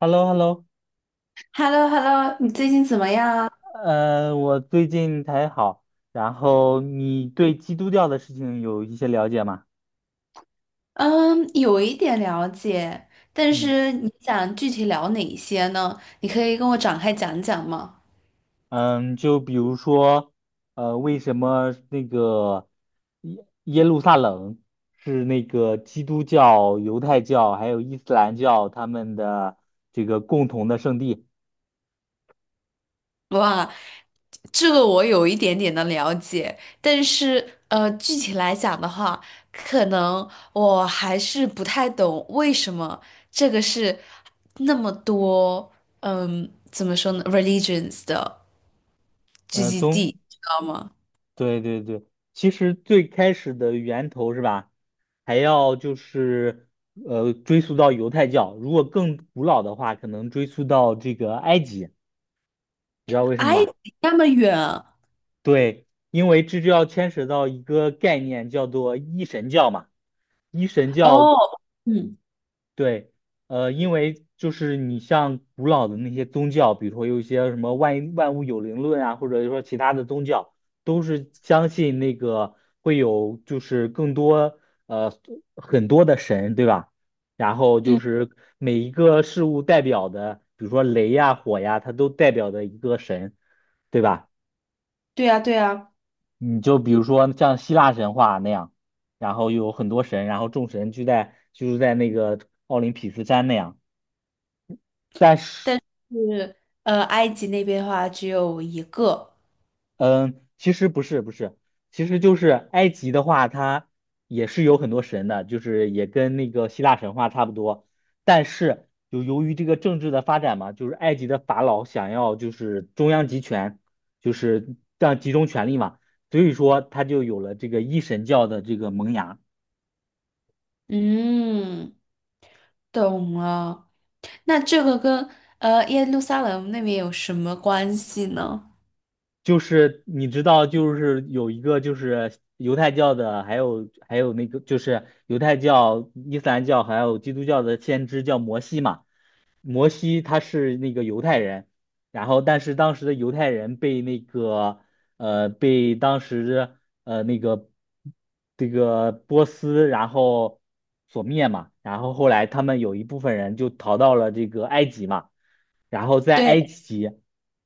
h e l l o h e l l o h e l l o h e l l o 你最近怎么样啊？我最近才好。然后你对基督教的事情有一些了解吗？嗯，有一点了解，但嗯是你想具体聊哪些呢？你可以跟我展开讲讲吗？嗯，就比如说，为什么那个耶路撒冷是那个基督教、犹太教还有伊斯兰教他们的这个共同的圣地？哇，这个我有一点点的了解，但是具体来讲的话，可能我还是不太懂为什么这个是那么多，嗯，怎么说呢，religions 的嗯、聚呃，集宗地，知道吗？对对对，其实最开始的源头是吧，还要就是呃追溯到犹太教，如果更古老的话，可能追溯到这个埃及，你知道为什么哎，吗？那么远对，因为这就要牵扯到一个概念叫做一神教嘛，一神教。哦，嗯对，因为就是你像古老的那些宗教，比如说有一些什么万万物有灵论啊，或者说其他的宗教，都是相信那个会有就是更多呃很多的神，对吧？然后就嗯。是每一个事物代表的，比如说雷呀、火呀，它都代表的一个神，对吧？对呀，对呀，你就比如说像希腊神话那样，然后有很多神，然后众神聚在居住在那个奥林匹斯山那样。但是，但是埃及那边的话只有一个。嗯，其实不是，其实就是埃及的话，它也是有很多神的，就是也跟那个希腊神话差不多。但是，就由于这个政治的发展嘛，就是埃及的法老想要就是中央集权，就是这样集中权力嘛，所以说他就有了这个一神教的这个萌芽。嗯，懂了。那这个跟耶路撒冷那边有什么关系呢？就是你知道，就是有一个就是犹太教的，还有那个就是犹太教、伊斯兰教还有基督教的先知叫摩西嘛。摩西他是那个犹太人，然后但是当时的犹太人被那个当时呃那个这个波斯然后所灭嘛，然后后来他们有一部分人就逃到了这个埃及嘛。然后在埃对，及，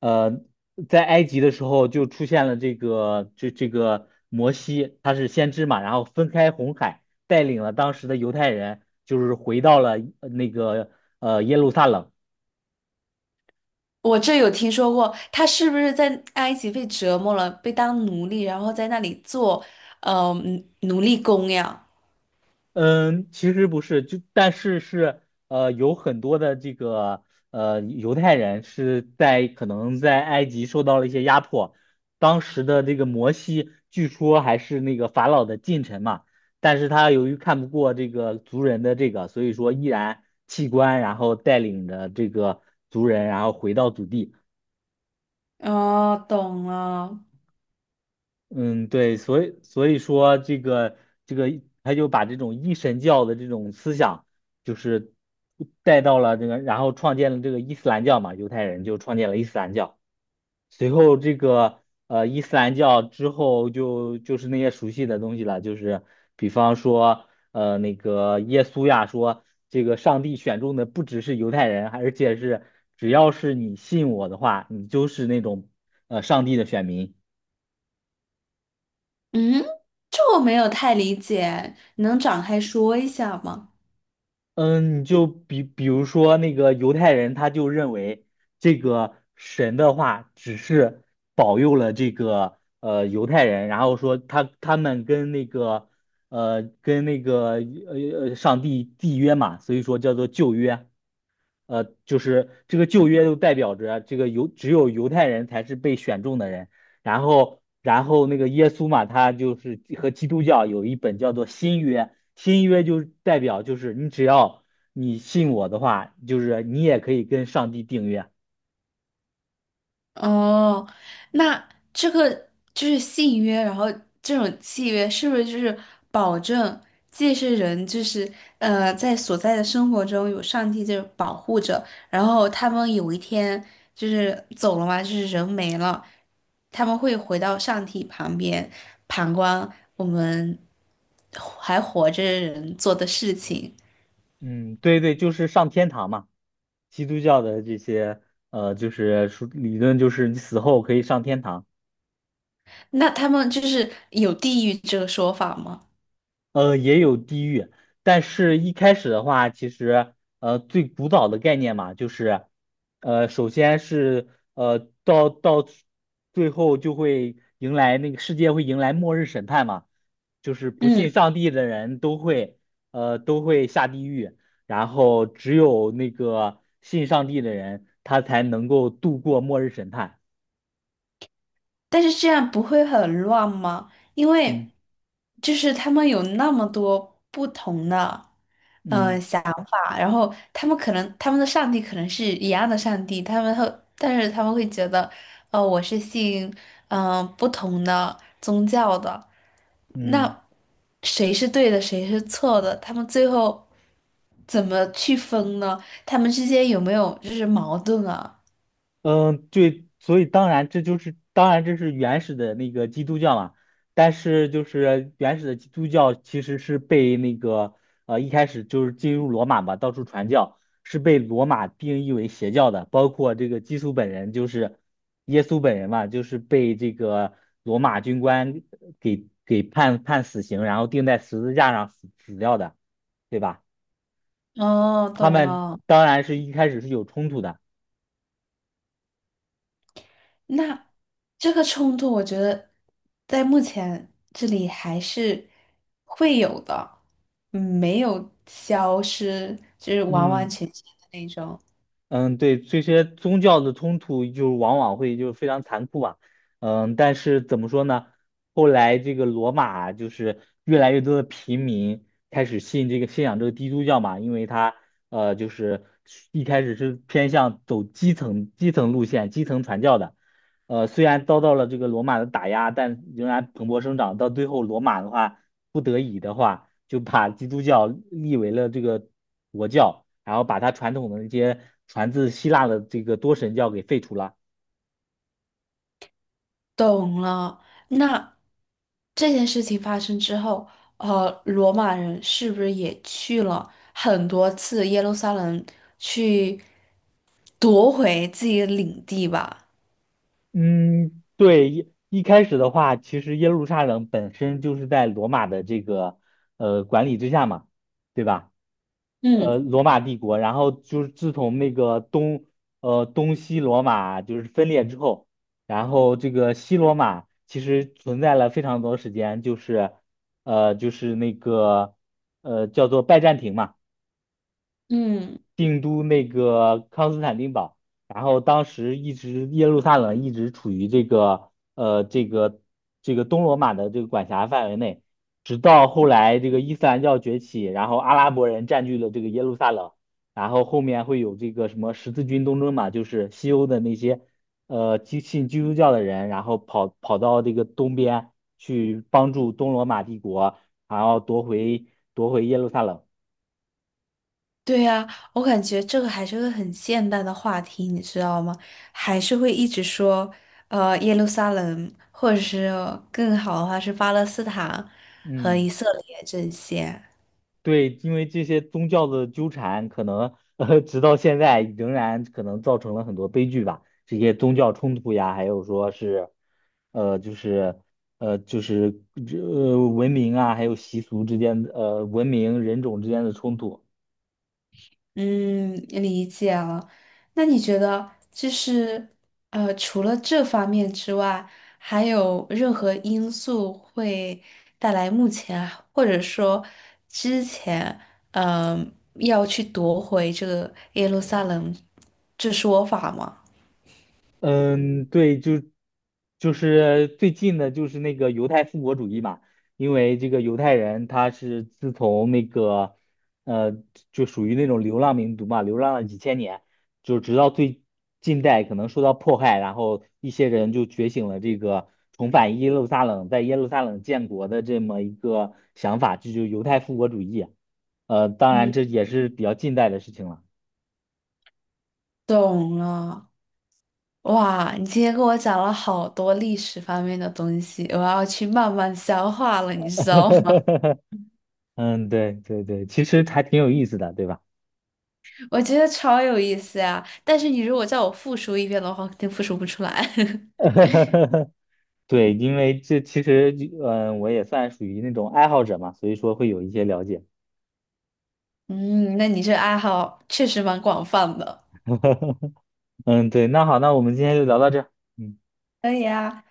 呃，在埃及的时候就出现了这个摩西，他是先知嘛，然后分开红海，带领了当时的犹太人，就是回到了那个耶路撒冷。我这有听说过，他是不是在埃及被折磨了，被当奴隶，然后在那里做呃奴奴隶工呀？嗯，其实不是，但是是有很多的这个犹太人是在可能在埃及受到了一些压迫，当时的这个摩西据说还是那个法老的近臣嘛，但是他由于看不过这个族人的这个，所以说毅然弃官，然后带领着这个族人，然后回到祖地。哦，懂了。嗯，对，所以说这个,他就把这种一神教的这种思想，就是带到了这个，然后创建了这个伊斯兰教嘛，犹太人就创建了伊斯兰教。随后这个伊斯兰教之后就是那些熟悉的东西了，就是比方说那个耶稣呀说，这个上帝选中的不只是犹太人，而且是只要是你信我的话，你就是那种上帝的选民。嗯，这我没有太理解，能展开说一下吗？嗯，你就比如说那个犹太人，他就认为这个神的话只是保佑了这个犹太人，然后说他们跟那个跟那个上帝缔约嘛，所以说叫做旧约。就是这个旧约就代表着这个犹只有犹太人才是被选中的人，然后那个耶稣嘛，他就是和基督教有一本叫做新约，新约就代表就是你只要你信我的话，就是你也可以跟上帝订约。哦，那这个就是信约，然后这种契约是不是就是保证既是人，就是在所在的生活中有上帝这保护着，然后他们有一天就是走了嘛，就是人没了，他们会回到上帝旁边旁观我们还活着的人做的事情。嗯，对对，就是上天堂嘛，基督教的这些就是说理论就是你死后可以上天堂。那他们就是有地狱这个说法吗？呃，也有地狱，但是一开始的话，其实最古早的概念嘛，就是首先是呃到到最后就会迎来那个世界会迎来末日审判嘛，就是不嗯。信上帝的人都会下地狱，然后只有那个信上帝的人，他才能够度过末日审判。但是这样不会很乱吗？因嗯为就是他们有那么多不同的嗯啊，然后他们可能他们的上帝可能是一样的上帝，他们会，但是他们会觉得，呃，我是信不同的宗教的，嗯。那谁是对的，谁是错的？他们最后怎么去分呢？他们之间有没有就是矛盾啊？嗯，对，所以当然这就是当然这是原始的那个基督教嘛，但是就是原始的基督教其实是被那个一开始就是进入罗马嘛，到处传教，是被罗马定义为邪教的，包括这个基督本人就是耶稣本人嘛，就是被这个罗马军官给判死刑，然后钉在十字架上死掉的，对吧？哦，他懂们了。当然是一开始是有冲突的。那这个冲突，我觉得在目前这里还是会有的，嗯没有消失，就是完完嗯，全全的那种。嗯，对，这些宗教的冲突就往往会就是非常残酷嘛。嗯，但是怎么说呢？后来这个罗马就是越来越多的平民开始信仰这个基督教嘛，因为它就是一开始是偏向走基层路线、基层传教的。呃，虽然遭到了这个罗马的打压，但仍然蓬勃生长。到最后，罗马的话不得已的话，就把基督教立为了这个国教，然后把它传统的那些传自希腊的这个多神教给废除了。懂了。那这件事情发生之后，呃，罗马人是不是也去了很多次耶路撒冷去夺回自己的领地吧？嗯，对，一开始的话，其实耶路撒冷本身就是在罗马的这个管理之下嘛，对吧？嗯呃，罗马帝国，然后就是自从那个东西罗马就是分裂之后，然后这个西罗马其实存在了非常多时间，就是就是那个叫做拜占庭嘛。嗯。定都那个康斯坦丁堡，然后当时耶路撒冷一直处于这个这个东罗马的这个管辖范围内，直到后来这个伊斯兰教崛起，然后阿拉伯人占据了这个耶路撒冷，然后后面会有这个什么十字军东征嘛，就是西欧的那些信基督教的人，然后跑到这个东边去帮助东罗马帝国，然后夺回耶路撒冷。对呀，我感觉这个还是个很现代的话题，你知道吗？还是会一直说，呃，耶路撒冷，或者是更好的话是巴勒斯坦和以嗯。色列这些。对，因为这些宗教的纠缠，可能直到现在仍然可能造成了很多悲剧吧。这些宗教冲突呀，还有说是，呃，就是文明啊，还有习俗之间的，文明人种之间的冲突。嗯，理解了。那你觉得就是除了这方面之外，还有任何因素会带来目前或者说之前，嗯、要去夺回这个耶路撒冷这说法吗？嗯，对，就是最近的，就是那个犹太复国主义嘛，因为这个犹太人他是自从那个呃，就属于那种流浪民族嘛，流浪了几千年，就直到最近代可能受到迫害，然后一些人就觉醒了这个重返耶路撒冷、在耶路撒冷建国的这么一个想法，这就是犹太复国主义啊。呃，当然嗯，这也是比较近代的事情了。懂了。哇，你今天跟我讲了好多历史方面的东西，我要去慢慢消化了，你知道吗？嗯，对对对，其实还挺有意思的，对吧？我觉得超有意思呀、但是你如果叫我复述一遍的话，肯定复述不出来。对，因为这其实我也算属于那种爱好者嘛，所以说会有一些了解。嗯，那你这爱好确实蛮广泛的。嗯，对，那好，那我们今天就聊到这儿。嗯，可以啊，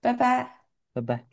拜拜。拜拜。